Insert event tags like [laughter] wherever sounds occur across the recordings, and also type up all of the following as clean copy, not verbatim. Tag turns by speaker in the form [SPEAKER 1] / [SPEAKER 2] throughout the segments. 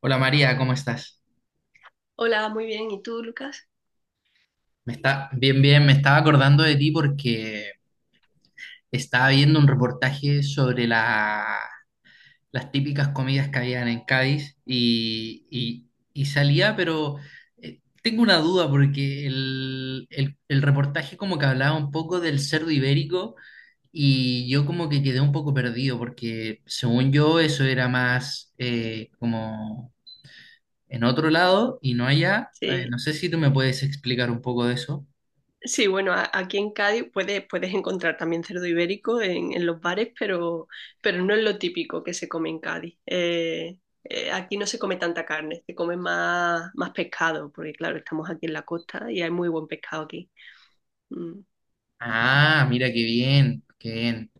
[SPEAKER 1] Hola María, ¿cómo estás?
[SPEAKER 2] Hola, muy bien. ¿Y tú, Lucas?
[SPEAKER 1] Me está bien, bien. Me estaba acordando de ti porque estaba viendo un reportaje sobre las típicas comidas que habían en Cádiz y salía, pero tengo una duda porque el reportaje como que hablaba un poco del cerdo ibérico y yo como que quedé un poco perdido porque según yo eso era más como en otro lado y no allá.
[SPEAKER 2] Sí,
[SPEAKER 1] No sé si tú me puedes explicar un poco de eso.
[SPEAKER 2] sí, bueno, aquí en Cádiz puedes, puedes encontrar también cerdo ibérico en los bares, pero no es lo típico que se come en Cádiz. Aquí no se come tanta carne, se come más, más pescado, porque claro, estamos aquí en la costa y hay muy buen pescado aquí. Mm.
[SPEAKER 1] Ah, mira qué bien, qué bien.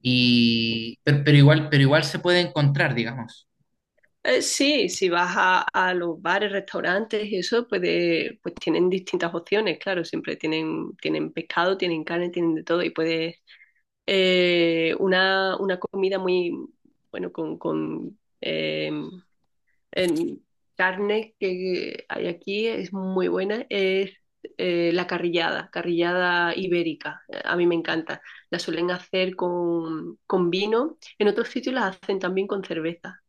[SPEAKER 1] Pero igual se puede encontrar, digamos,
[SPEAKER 2] Sí, si vas a los bares, restaurantes y eso, pues, pues tienen distintas opciones, claro, siempre tienen, tienen pescado, tienen carne, tienen de todo y puedes una comida muy, bueno, con, con en carne que hay aquí, es muy buena, es la carrillada, carrillada ibérica. A mí me encanta. La suelen hacer con vino. En otros sitios las hacen también con cerveza,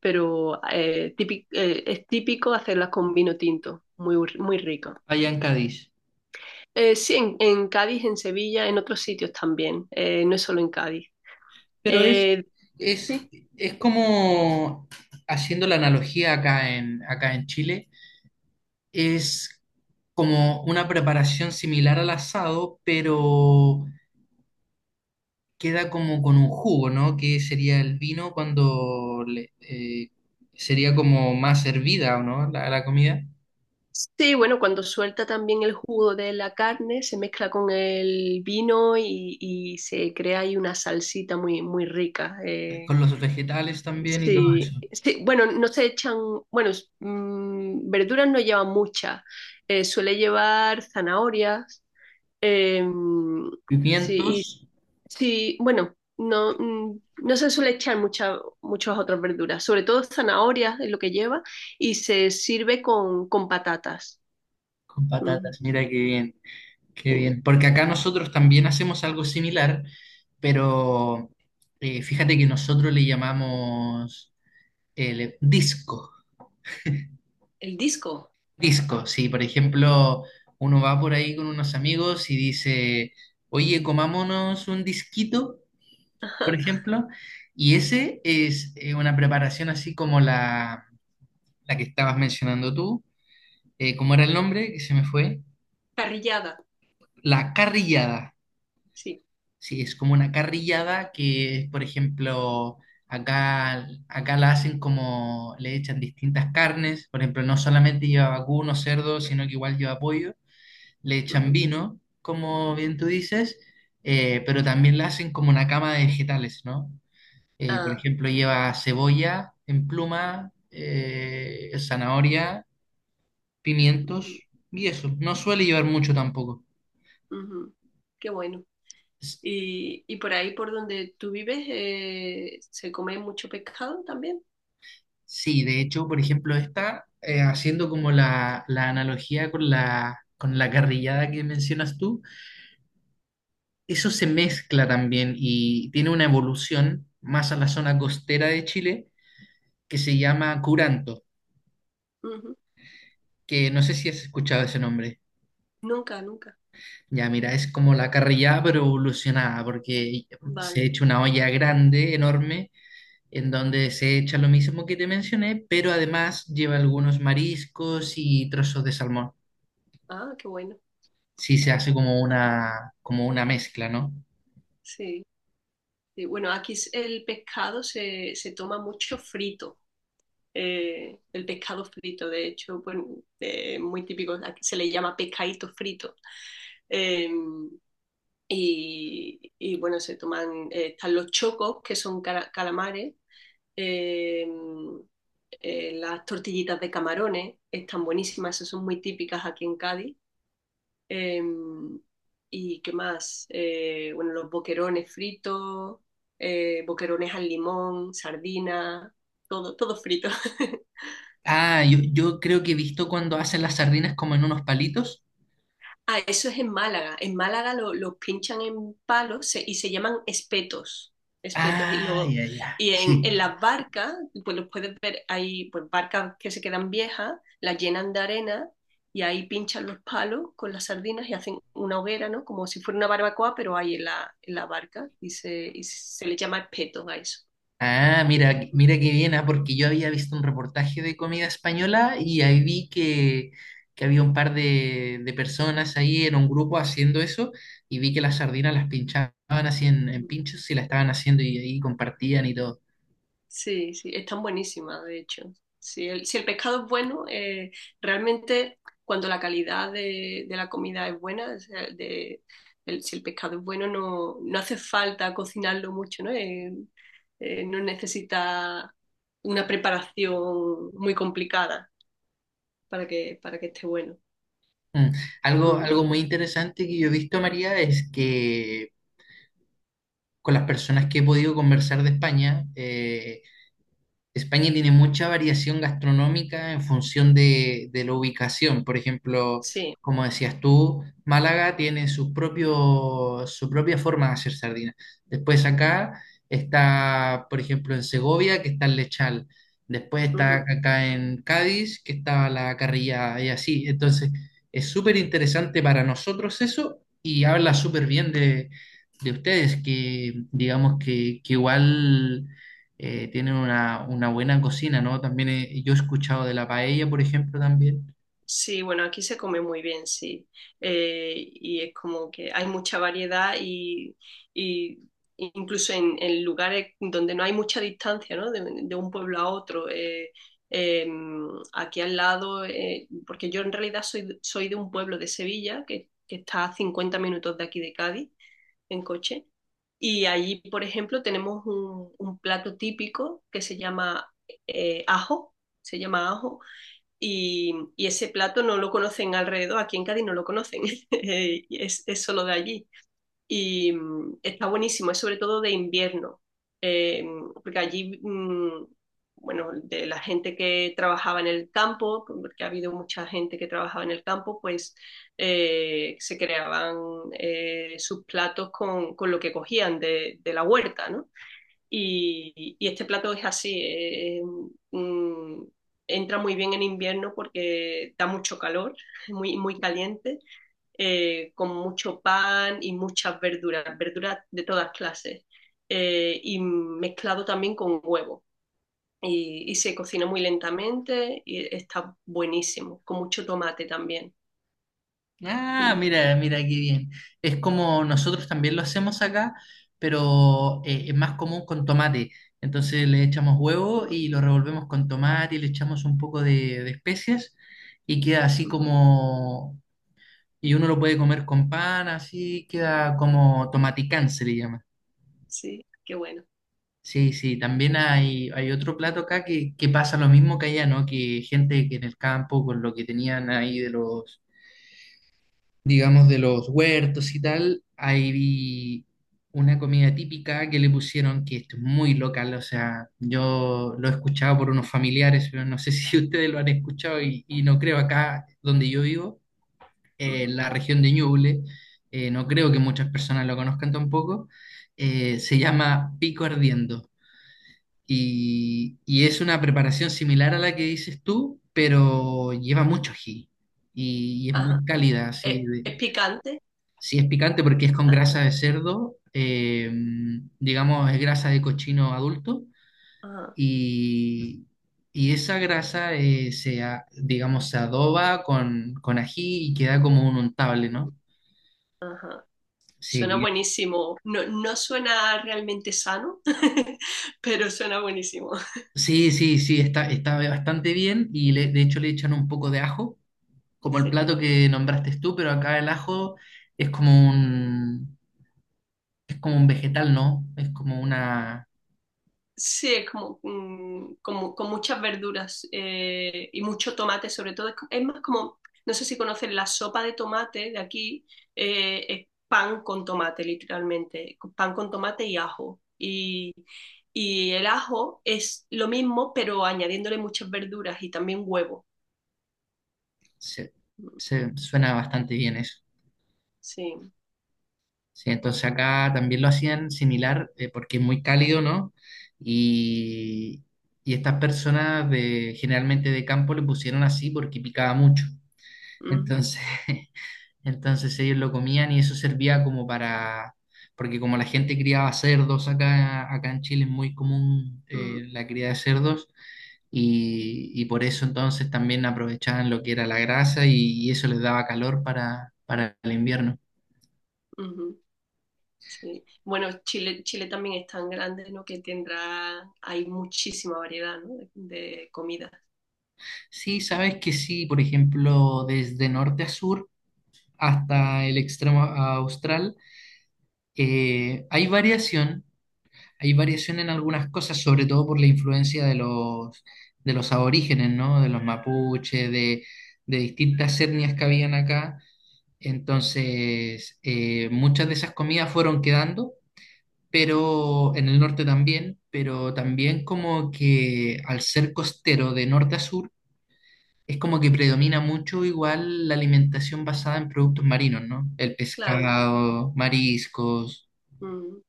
[SPEAKER 2] pero es típico hacerlas con vino tinto. Muy, muy rico.
[SPEAKER 1] allá en Cádiz.
[SPEAKER 2] Sí, en Cádiz, en Sevilla, en otros sitios también. No es solo en Cádiz.
[SPEAKER 1] Pero es,
[SPEAKER 2] Eh,
[SPEAKER 1] es,
[SPEAKER 2] sí,
[SPEAKER 1] es como, haciendo la analogía acá en Chile, es como una preparación similar al asado, pero queda como con un jugo, ¿no? Que sería el vino cuando sería como más hervida, ¿o no? La comida,
[SPEAKER 2] sí, bueno, cuando suelta también el jugo de la carne, se mezcla con el vino y se crea ahí una salsita muy, muy rica.
[SPEAKER 1] con los vegetales también y todo
[SPEAKER 2] Sí,
[SPEAKER 1] eso.
[SPEAKER 2] sí, bueno, no se echan, bueno, verduras no lleva muchas, suele llevar zanahorias, eh, sí, y
[SPEAKER 1] Pimientos
[SPEAKER 2] sí, bueno, no, no se suele echar muchas, muchas otras verduras, sobre todo zanahorias es lo que lleva y se sirve con patatas.
[SPEAKER 1] con
[SPEAKER 2] Mm,
[SPEAKER 1] patatas, mira qué bien, qué
[SPEAKER 2] sí.
[SPEAKER 1] bien. Porque acá nosotros también hacemos algo similar, pero fíjate que nosotros le llamamos disco.
[SPEAKER 2] El disco,
[SPEAKER 1] Disco, sí, por ejemplo uno va por ahí con unos amigos y dice, oye, comámonos un disquito, por
[SPEAKER 2] [laughs]
[SPEAKER 1] ejemplo, y ese es una preparación así como la que estabas mencionando tú. ¿Cómo era el nombre? Que se me fue.
[SPEAKER 2] parrillada,
[SPEAKER 1] La carrillada.
[SPEAKER 2] sí.
[SPEAKER 1] Sí, es como una carrillada que, por ejemplo, acá la hacen como le echan distintas carnes, por ejemplo, no solamente lleva vacuno, cerdo, sino que igual lleva pollo, le echan
[SPEAKER 2] Ujú.
[SPEAKER 1] vino, como bien tú dices, pero también la hacen como una cama de vegetales, ¿no? Por
[SPEAKER 2] Ah,
[SPEAKER 1] ejemplo, lleva cebolla en pluma, zanahoria,
[SPEAKER 2] ujú,
[SPEAKER 1] pimientos y eso. No suele llevar mucho tampoco.
[SPEAKER 2] ujú. Qué bueno. Y por ahí, por donde tú vives, ¿se come mucho pescado también?
[SPEAKER 1] Sí, de hecho, por ejemplo, esta, haciendo como la analogía con la carrillada que mencionas tú, eso se mezcla también y tiene una evolución más a la zona costera de Chile que se llama curanto,
[SPEAKER 2] Ujú.
[SPEAKER 1] que no sé si has escuchado ese nombre.
[SPEAKER 2] Nunca, nunca.
[SPEAKER 1] Ya, mira, es como la carrillada pero evolucionada, porque
[SPEAKER 2] Vale.
[SPEAKER 1] se echa una olla grande, enorme, en donde se echa lo mismo que te mencioné, pero además lleva algunos mariscos y trozos de salmón.
[SPEAKER 2] Ah, qué bueno.
[SPEAKER 1] Sí, se hace como una mezcla, ¿no?
[SPEAKER 2] Sí. Sí, bueno, aquí el pescado se, se toma mucho frito. El pescado frito, de hecho, bueno, muy típico. Aquí se le llama pescadito frito. Em, y bueno, se toman, están los chocos, que son calamares, eh, las tortillitas de camarones, están buenísimas, esas son muy típicas aquí en Cádiz. Eh, ¿Y qué más? Bueno, los boquerones fritos, boquerones al limón, sardinas, todo, todo frito. [laughs]
[SPEAKER 1] Ah, yo creo que he visto cuando hacen las sardinas como en unos palitos.
[SPEAKER 2] Ah, eso es en Málaga. En Málaga lo pinchan en palos y se llaman espetos. Espetos. Y,
[SPEAKER 1] Ah,
[SPEAKER 2] lo,
[SPEAKER 1] ya, ya,
[SPEAKER 2] y
[SPEAKER 1] sí.
[SPEAKER 2] en las barcas, pues los puedes ver, hay pues, barcas que se quedan viejas, las llenan de arena y ahí pinchan los palos con las sardinas y hacen una hoguera, ¿no? Como si fuera una barbacoa, pero ahí en la barca y se le llama espetos a eso.
[SPEAKER 1] Ah, mira, mira qué bien, ah, porque yo había visto un reportaje de comida española y ahí vi que había un par de personas ahí en un grupo haciendo eso y vi que las sardinas las pinchaban así en pinchos y las estaban haciendo y ahí compartían y todo.
[SPEAKER 2] Sí, sí, están buenísimas, de hecho. Si el, si el pescado es bueno, realmente cuando la calidad de la comida es buena, o sea, si el pescado es bueno, no, no hace falta cocinarlo mucho, ¿no? No necesita una preparación muy complicada para que esté bueno.
[SPEAKER 1] Mm. Algo,
[SPEAKER 2] Mm,
[SPEAKER 1] algo muy interesante que yo he visto, María, es que con las personas que he podido conversar de España, España tiene mucha variación gastronómica en función de la ubicación. Por ejemplo,
[SPEAKER 2] sí.
[SPEAKER 1] como decías tú, Málaga tiene su propia forma de hacer sardina. Después acá está, por ejemplo, en Segovia, que está el lechal. Después está acá en Cádiz, que está la carrilla y así. Entonces, es súper interesante para nosotros eso y habla súper bien de ustedes, que digamos que igual tienen una buena cocina, ¿no? También yo he escuchado de la paella, por ejemplo, también.
[SPEAKER 2] Sí, bueno, aquí se come muy bien, sí. Y es como que hay mucha variedad y incluso en lugares donde no hay mucha distancia, ¿no? De un pueblo a otro. Eh, Aquí al lado, porque yo en realidad soy, soy de un pueblo de Sevilla, que está a 50 minutos de aquí de Cádiz, en coche. Y allí, por ejemplo, tenemos un plato típico que se llama ajo, se llama ajo y, ese plato no lo conocen alrededor, aquí en Cádiz no lo conocen, [laughs] es, solo de allí. Y mm, está buenísimo, es sobre todo de invierno, eh, porque allí, mmm, bueno, de la gente que trabajaba en el campo, porque ha habido mucha gente que trabajaba en el campo, pues se creaban sus platos con, lo que cogían de la huerta, ¿no? Y este plato es así, mm, entra muy bien en invierno porque da mucho calor, muy, muy caliente, con mucho pan y muchas verduras, verduras de todas clases, y mezclado también con huevo. Y se cocina muy lentamente y está buenísimo, con mucho tomate también.
[SPEAKER 1] Ah,
[SPEAKER 2] Mm,
[SPEAKER 1] mira, mira qué bien. Es como nosotros también lo hacemos acá, pero es más común con tomate. Entonces le echamos huevo
[SPEAKER 2] mm,
[SPEAKER 1] y lo revolvemos con tomate y le echamos un poco de especias y queda así
[SPEAKER 2] ujú.
[SPEAKER 1] como... Y uno lo puede comer con pan, así queda como tomaticán, se le llama.
[SPEAKER 2] Sí, qué bueno.
[SPEAKER 1] Sí, sí, también hay otro plato acá que pasa lo mismo que allá, ¿no? Que gente que en el campo, con lo que tenían ahí de los, digamos, de los huertos y tal, ahí vi una comida típica que le pusieron, que esto es muy local, o sea, yo lo he escuchado por unos familiares, pero no sé [laughs] si ustedes lo han escuchado y no creo acá donde yo vivo, en
[SPEAKER 2] Ujú.
[SPEAKER 1] la región de Ñuble, no creo que muchas personas lo conozcan tampoco, se llama pico ardiendo. Y es una preparación similar a la que dices tú, pero lleva mucho ají y es
[SPEAKER 2] Ajá.
[SPEAKER 1] muy cálida,
[SPEAKER 2] Es picante?
[SPEAKER 1] sí es picante porque es con
[SPEAKER 2] Ah,
[SPEAKER 1] grasa
[SPEAKER 2] claro.
[SPEAKER 1] de cerdo, digamos es grasa de cochino adulto
[SPEAKER 2] Ajá,
[SPEAKER 1] y, y esa grasa digamos, se adoba con ají y queda como un untable, ¿no?
[SPEAKER 2] ajá. Suena
[SPEAKER 1] Sí,
[SPEAKER 2] buenísimo. No, no suena realmente sano, [laughs] pero suena buenísimo.
[SPEAKER 1] sí, sí, sí, está, está bastante bien y de hecho le echan un poco de ajo como el
[SPEAKER 2] Sí.
[SPEAKER 1] plato que nombraste tú, pero acá el ajo es como un, es como un vegetal, ¿no? Es como una...
[SPEAKER 2] Sí, es como, como con muchas verduras y mucho tomate, sobre todo. Es, es más como, no sé si conocen la sopa de tomate de aquí, es pan con tomate, literalmente. Pan con tomate y ajo. Y el ajo es lo mismo, pero añadiéndole muchas verduras y también huevo.
[SPEAKER 1] Se,
[SPEAKER 2] Mm,
[SPEAKER 1] suena bastante bien eso.
[SPEAKER 2] sí.
[SPEAKER 1] Sí, entonces acá también lo hacían similar porque es muy cálido, ¿no? Y, y estas personas de, generalmente de campo le pusieron así porque picaba mucho.
[SPEAKER 2] Mm,
[SPEAKER 1] Entonces... [laughs] Entonces ellos lo comían y eso servía como para, porque como la gente criaba cerdos acá en Chile es muy común
[SPEAKER 2] mm,
[SPEAKER 1] la cría de cerdos y por eso entonces también aprovechaban lo que era la grasa y eso les daba calor para el invierno.
[SPEAKER 2] ujú. Sí. Bueno, Chile, Chile también es tan grande, ¿no? Que tendrá, hay muchísima variedad, ¿no? De comidas.
[SPEAKER 1] Sí, sabes que sí, por ejemplo, desde norte a sur hasta el extremo austral eh, hay variación Hay variación en algunas cosas, sobre todo por la influencia de los aborígenes, ¿no? De los mapuches, de distintas etnias que habían acá. Entonces, muchas de esas comidas fueron quedando, pero en el norte también, pero también como que al ser costero de norte a sur, es como que predomina mucho igual la alimentación basada en productos marinos, ¿no? El
[SPEAKER 2] Claro.
[SPEAKER 1] pescado, mariscos
[SPEAKER 2] Mm,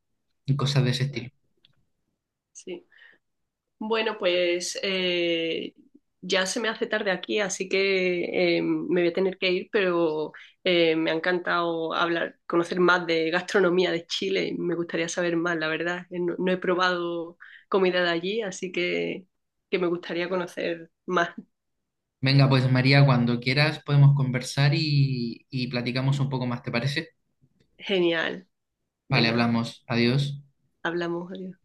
[SPEAKER 1] y cosas de ese
[SPEAKER 2] claro,
[SPEAKER 1] estilo.
[SPEAKER 2] sí. Bueno, pues ya se me hace tarde aquí, así que me voy a tener que ir, pero me ha encantado hablar, conocer más de gastronomía de Chile. Me gustaría saber más, la verdad. No, no he probado comida de allí, así que me gustaría conocer más.
[SPEAKER 1] Venga, pues María, cuando quieras podemos conversar y platicamos un poco más, ¿te parece?
[SPEAKER 2] Genial.
[SPEAKER 1] Vale,
[SPEAKER 2] Venga,
[SPEAKER 1] hablamos. Adiós.
[SPEAKER 2] hablamos. Adiós.